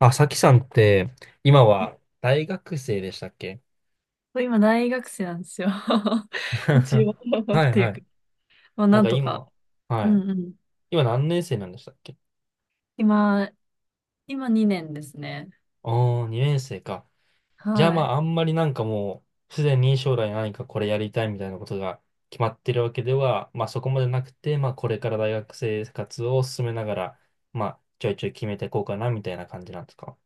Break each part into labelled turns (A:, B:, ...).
A: あ、さきさんって、今は大学生でしたっけ？
B: そう今、大学生なんですよ。一応 っ
A: はい
B: てい
A: は
B: うか、
A: い。
B: まあ、
A: なん
B: なん
A: か
B: とか。
A: 今、は
B: う
A: い。
B: んうん。
A: 今何年生なんでしたっけ？
B: 今、2年ですね。
A: おー、2年生か。じゃあ
B: は
A: ま
B: い。
A: あ、あんまりなんかもう、すでに将来何かこれやりたいみたいなことが決まってるわけでは、まあそこまでなくて、まあこれから大学生活を進めながら、まあちょいちょい決めていこうかなみたいな感じなんですか？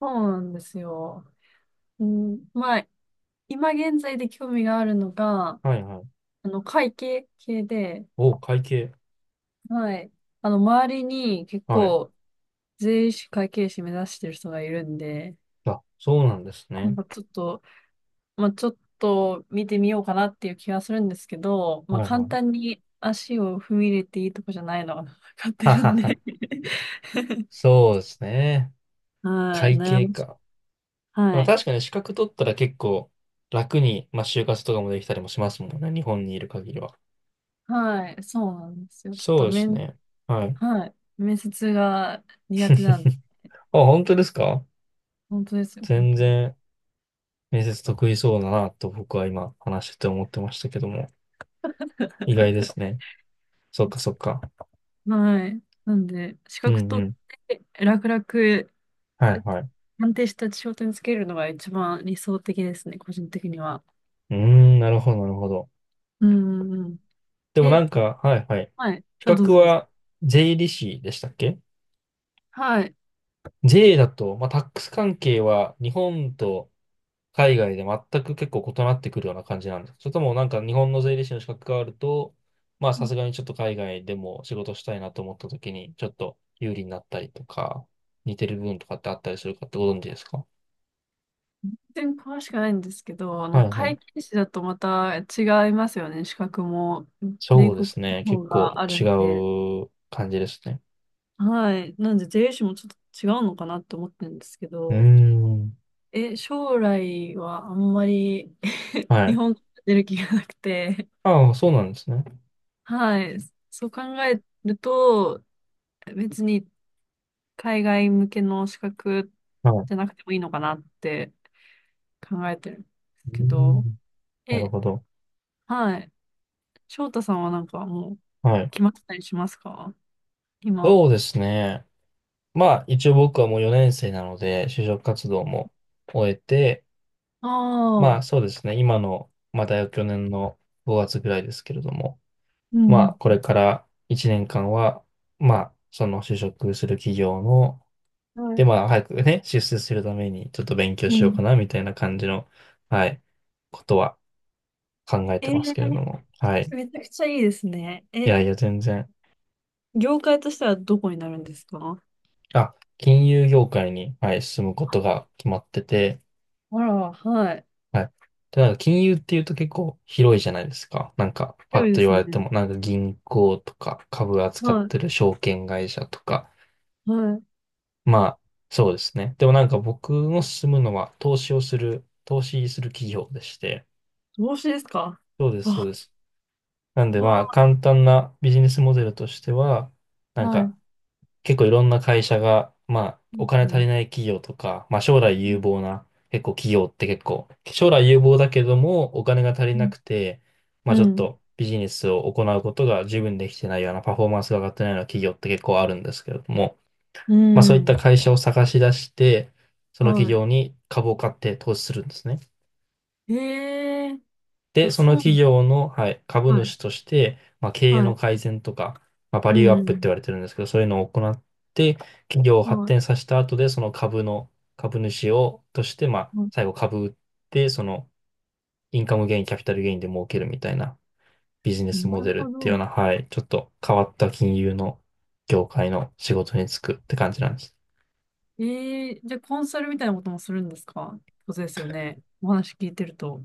B: そうなんですよ。うん、まあ、今現在で興味があるのが、
A: はいはい。
B: 会計系で、
A: お会計。
B: はい。周りに結
A: はい。
B: 構、税理士会計士目指してる人がいるんで、
A: あ、そうなんです
B: な
A: ね。
B: んかちょっと、まあ、ちょっと見てみようかなっていう気がするんですけど、まあ、
A: はい
B: 簡
A: はい。
B: 単に足を踏み入れていいとこじゃないのが 分かっ て
A: は
B: る
A: は
B: ん
A: は。
B: で
A: そうですね。
B: はい、
A: 会
B: 悩
A: 計
B: ましい。
A: か。ま
B: は
A: あ
B: い。
A: 確かに資格取ったら結構楽に、まあ就活とかもできたりもしますもんね。日本にいる限りは。
B: はい、そうなんですよ。ちょっ
A: そう
B: と
A: ですね。はい。
B: はい、面接が苦手なんで、
A: あ、本当ですか？
B: 本当ですよ、本
A: 全
B: 当に。
A: 然面接得意そうだなと僕は今話してて思ってましたけども。意外ですね。そっか そっか。
B: はい。なんで、資
A: う
B: 格
A: んう
B: 取っ
A: ん。
B: て楽々、
A: はいはい。う
B: 安定した仕事につけるのが一番理想的ですね、個人的には。
A: ーん、なるほどなるほど。
B: うんうんうん。
A: でもな
B: え
A: んか、はいはい。
B: はい。
A: 資
B: あ、どう
A: 格
B: ぞどうぞ。
A: は税理士でしたっけ？
B: はい。
A: 税だと、まあタックス関係は日本と海外で全く結構異なってくるような感じなんですか？それともなんか日本の税理士の資格があると、まあさすがにちょっと海外でも仕事したいなと思った時にちょっと有利になったりとか、似てる部分とかってあったりするかってご存知ですか？
B: 全然詳しくないんですけど、
A: はいは
B: 会
A: い。
B: 計士だとまた違いますよね。資格も、米
A: そうで
B: 国
A: すね。
B: の方
A: 結構
B: がある
A: 違
B: んで。
A: う感じですね。
B: はい。なんで、税理士もちょっと違うのかなって思ってるんですけ
A: うー
B: ど、
A: ん。
B: 将来はあんまり
A: は
B: 日
A: い。
B: 本から出る気がなくて、
A: ああ、そうなんですね。
B: はい。そう考えると、別に海外向けの資格
A: はい。う
B: じゃなくてもいいのかなって考えてるんです
A: ー
B: けど、
A: ん。なる
B: え、
A: ほど。
B: はい。翔太さんはなんかもう
A: はい。
B: 決まってたりしますか今？
A: そうですね。まあ一応僕はもう4年生なので、就職活動も終えて、
B: あ
A: ま
B: あ、
A: あそうですね。今の、まだ去年の5月ぐらいですけれども、
B: う
A: ま
B: ん
A: あこ
B: う
A: れ
B: ん。
A: から1年間は、まあその就職する企業の、
B: う
A: で
B: ん。
A: まあ早くね、出世するためにちょっと勉強
B: う
A: しようか
B: ん。
A: なみたいな感じの、はい、ことは考えて
B: え
A: ます
B: ー
A: けれども、はい。
B: めちゃくちゃいいですね。
A: いやいや全然、
B: 業界としてはどこになるんですか？
A: あ、金融業界に、はい、進むことが決まってて、
B: あら、はい。
A: はい。で、なんか金融っていうと結構広いじゃないですか。なんか、パッ
B: 広
A: と
B: いで
A: 言
B: す
A: われて
B: ね。
A: も、なんか銀行とか株扱っ
B: は
A: てる証券会社とか。
B: い、はい。
A: まあ、そうですね。でもなんか僕の進むのは投資をする、投資する企業でして。
B: 投資ですか？
A: そうです、そうで
B: あ、
A: す。なんでまあ、
B: わ
A: 簡単なビジネスモデルとしては、
B: あ、
A: なん
B: は
A: か、
B: い。
A: 結構いろんな会社が、まあ、
B: う
A: お
B: ん、
A: 金
B: う
A: 足
B: ん、
A: りない企業とか、まあ、将来有望な、結構企業って結構、将来有望だけども、お金が足りなくて、ま
B: う
A: あ、ちょっ
B: ん、
A: とビジネスを行うことが十分できてないような、パフォーマンスが上がってないような企業って結構あるんですけれども、
B: う
A: まあ、
B: ん、
A: そう
B: う
A: いった
B: ん
A: 会社を探し出して、その企
B: は
A: 業に株を買って投資するんですね。
B: い。ええ、
A: で、
B: あ、
A: その
B: そうな
A: 企業の、はい、株
B: のはい、
A: 主として、まあ、経営
B: は
A: の
B: い。
A: 改善とか、まあ、バ
B: う
A: リューアップって言
B: ん、
A: われてるんですけど、そういうのを行って、企業を
B: うん、
A: 発
B: は
A: 展させた後で、その株の、株主を、として、まあ、
B: い、は
A: 最後株売って、その、インカムゲイン、キャピタルゲインで儲けるみたいなビジネ
B: い。
A: ス
B: な
A: モ
B: る
A: デルっ
B: ほ
A: ていうよう
B: ど。
A: な、はい、ちょっと変わった金融の業界の仕事に就くって感じなんです。
B: ええ、じゃあコンサルみたいなこともするんですか？そうですよね。お話聞いてると。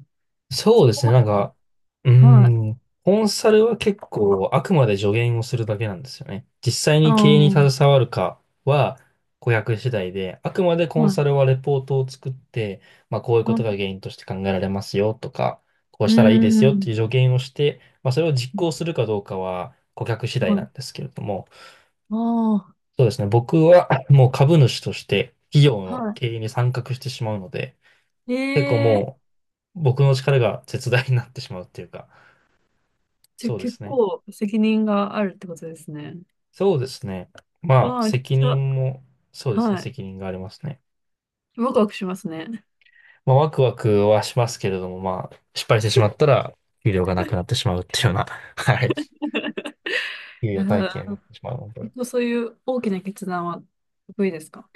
A: そう
B: そ
A: で
B: こ
A: すね。
B: ま
A: なん
B: で。
A: か、うー
B: はい。
A: ん、コンサルは結構あくまで助言をするだけなんですよね。実際
B: ああ、
A: に経営に携
B: は
A: わるかは顧客次第で、あくまでコンサル
B: い。
A: はレポートを作って、まあこういう
B: あ、
A: こと
B: う
A: が原因として考えられますよとか、こう
B: ー
A: したらいいですよっていう
B: ん。
A: 助言をして、まあそれを実行するかどうかは顧客次第
B: は
A: な
B: い。
A: んですけれども、
B: ああ、
A: そうですね。僕は もう株主として企業の
B: は
A: 経営に参画してしまうので、結構
B: い。え
A: も
B: え、
A: う僕の力が絶大になってしまうっていうか、
B: じゃあ
A: そうで
B: 結
A: すね。
B: 構責任があるってことですね。
A: そうですね。まあ、
B: わあ、めちゃく
A: 責
B: ちゃ、
A: 任も、そうですね。
B: はい。
A: 責任がありますね。
B: ワクワクしますね。
A: まあ、ワクワクはしますけれども、まあ、失敗してしまったら、給料がなくなってしまうっていうような、はい。給
B: いや
A: 与体系にな
B: ー、
A: ってしまうので。
B: 結構そういう大きな決断は得意ですか？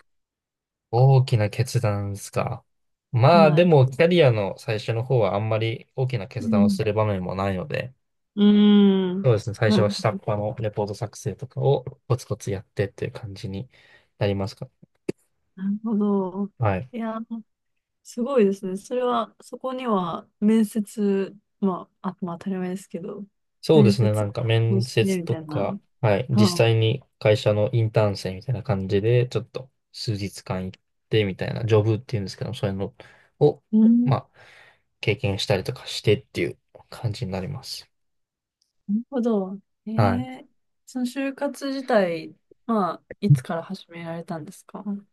A: 大きな決断ですか。まあ、
B: は
A: で
B: い。
A: も、キャリアの最初の方はあんまり大きな決
B: う
A: 断を
B: ん。
A: する場面もないので、
B: うー
A: そ
B: ん。
A: うですね。最
B: な
A: 初は下っ
B: る
A: 端のレポート作成とかをコツコツやってっていう感じになりますか。
B: なるほど。
A: はい。
B: いやー、すごいですね。それは、そこには面接、まあ、あ、まあ当たり前ですけど、
A: そうで
B: 面
A: すね。な
B: 接
A: んか
B: を
A: 面
B: して
A: 接
B: み
A: と
B: たいな。
A: か、はい。実
B: はあ、
A: 際に会社のインターン生みたいな感じで、ちょっと数日間行ってみたいな、ジョブっていうんですけど、そういうのを、
B: う
A: ま
B: ん、
A: あ、経験したりとかしてっていう感じになります。
B: なるほど。え
A: はい。
B: え、その就活自体、まあ、いつから始められたんですか？うん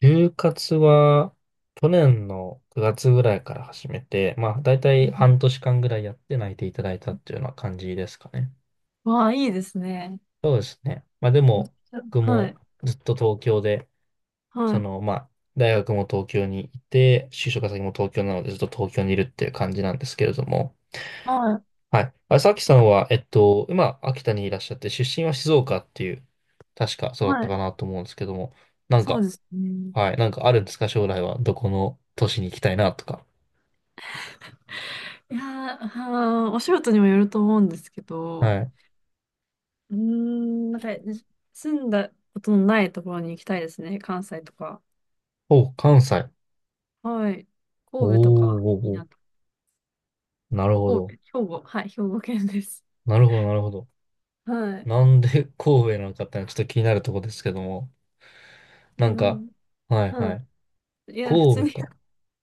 A: 就活は、去年の9月ぐらいから始めて、まあ、だいた
B: う
A: い
B: ん、
A: 半年間ぐらいやって内定いただいたっていうような感じですかね。
B: わあ、いいですね。
A: そうですね。まあ、で
B: めっ
A: も、
B: ちゃ
A: 僕
B: はい、
A: もずっと東京で
B: は
A: そ
B: い、
A: の、まあ、大学も東京にいて、就職先も東京なのでずっと東京にいるっていう感じなんですけれども、
B: はい、
A: はい。あ、さきさんは、今、秋田にいらっしゃって、出身は静岡っていう、確かそうだっ
B: は
A: たか
B: い。
A: なと思うんですけども、なん
B: そう
A: か、
B: ですね。
A: はい、なんかあるんですか、将来は、どこの都市に行きたいなとか。
B: いやー、はー、お仕事にもよると思うんですけど、
A: はい。
B: うーん、なんか、住んだことのないところに行きたいですね。関西とか。
A: お、関西。
B: はい。
A: お
B: 神戸と
A: ー
B: か、
A: おー
B: いいな
A: お
B: と。
A: ー、なるほ
B: 神戸、
A: ど。
B: 兵庫。はい、兵庫県です。
A: なるほど、なるほど。
B: はい。
A: なんで神戸なのかってのはちょっと気になるところですけども、な
B: え、
A: ん
B: う
A: か、
B: ん、
A: はい
B: う
A: は
B: ん。
A: い。
B: いや、普通
A: 神戸
B: に
A: か。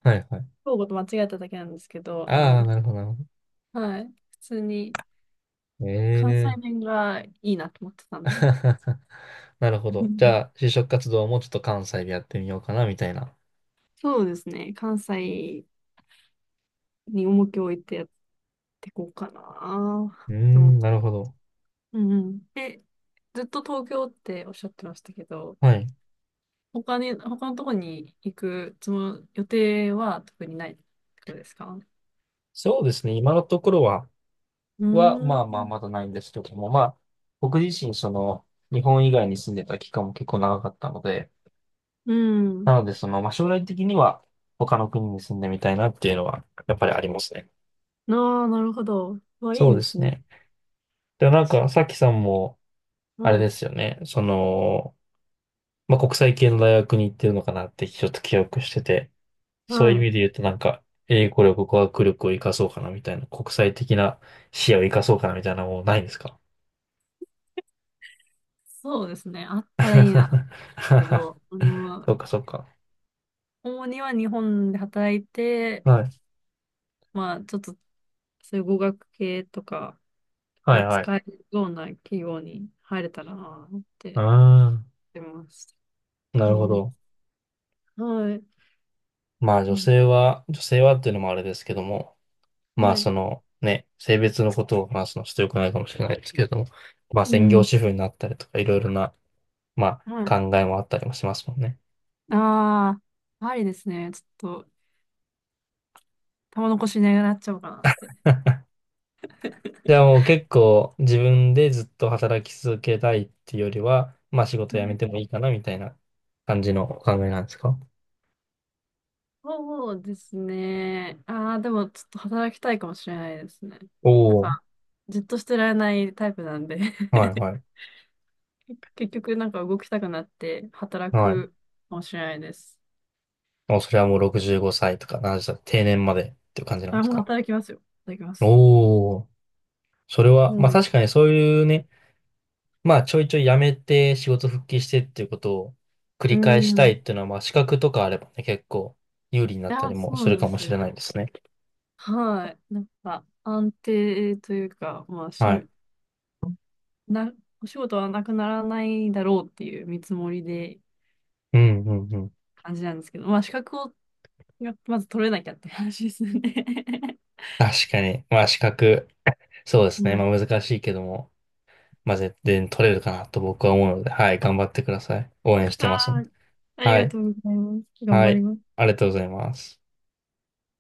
A: はいはい。
B: 兵庫と間違えただけなんですけど、
A: ああ、なるほど、なるほど。
B: はい。普通に
A: え
B: 関西
A: え
B: 弁がいいなと思ってたんで。
A: なるほ
B: う
A: ど。じゃ
B: ん、
A: あ、就職活動もちょっと関西でやってみようかな、みたいな。
B: そうですね。関西に重きを置いてやっていこうかな
A: うー
B: って思っ
A: ん、
B: た。
A: なるほど。
B: うんうん。ずっと東京っておっしゃってましたけど、
A: はい。
B: 他に、他のとこに行くつも、予定は特にないってことですか？
A: そうですね。今のところは、
B: う
A: は、ま
B: ー
A: あまあ、
B: ん。
A: まだないんですけども、まあ、僕自身、その、日本以外に住んでた期間も結構長かったので、
B: うん。
A: なので、その、まあ、将来的には、他の国に住んでみたいなっていうのは、やっぱりありますね。
B: ああ、なるほど。わ、い
A: そ
B: い
A: う
B: で
A: で
B: す
A: す
B: ね。
A: ね。で、なんか、さきさんも、あれ
B: は
A: で
B: い。
A: すよね。その、まあ、国際系の大学に行ってるのかなってちょっと記憶してて、そうい
B: は
A: う意
B: い。
A: 味で言うとなんか、英語力、語学力を活かそうかなみたいな、国際的な視野を活かそうかなみたいなのもうないんですか？
B: そうですね。あったらいいな。けど、
A: そうか、そうか。
B: 主には日本で働いて、
A: はい。
B: まあ、ちょっと、そういう語学系とか
A: は
B: が
A: い、はい。
B: 使えるような企業に入れたらなって思っ
A: あ
B: てます。
A: あ、な
B: う
A: るほ
B: ん。
A: ど。
B: はい。
A: まあ、
B: う
A: 女
B: ん。
A: 性は、女性はっていうのもあれですけども、まあ、
B: は
A: そ
B: い。
A: の、ね、性別のことを話すのはちょっと良くないかもしれないですけれども、まあ、
B: う
A: 専業
B: ん。
A: 主婦になったりとか、いろいろな、ま
B: はい。
A: あ、考えもあったりもしますもんね。
B: ああ、ありですね。ちょっと、玉残しなくなっちゃおうかなって。
A: じゃあもう結構自分でずっと働き続けたいっていうよりは、まあ仕事
B: は
A: 辞め
B: い、
A: てもいいかなみたいな感じのお考えなんですか？
B: そうですね。ああ、でも、ちょっと働きたいかもしれないですね。
A: お
B: なん
A: お
B: か、じっとしてられないタイプなんで
A: ー、はいはい、
B: 結局、なんか動きたくなって働
A: はい。
B: くかもしれないです。
A: もうそれはもう65歳とか70歳、定年までっていう感じなん
B: あ、
A: です
B: もう
A: か？
B: 働きますよ。働きます。
A: おおー、それ
B: う
A: は、まあ
B: ん。
A: 確かにそういうね、まあちょいちょい辞めて仕事復帰してっていうことを繰
B: う
A: り返した
B: ん。
A: い
B: い
A: っていうのは、まあ資格とかあればね、結構有利になった
B: や、
A: り
B: そ
A: も
B: う
A: す
B: な
A: る
B: んで
A: かも
B: す
A: し
B: よ。
A: れないですね。
B: はい。なんか、安定というか、まあ、
A: はい。
B: な、お仕事はなくならないだろうっていう見積もりで
A: うんうんうん。
B: 感じなんですけど、まあ、資格をまず取れなきゃって話ですね。
A: 確かに。まあ資格。そうで
B: う
A: すね。ま
B: ん。
A: あ難しいけども、まあ絶対取れるかなと僕は思うので、はい、頑張ってください。応援し
B: あ
A: てます。
B: あ、あり
A: は
B: が
A: い、
B: とうございます。頑
A: は
B: 張り
A: い、
B: ます。
A: ありがとうございます。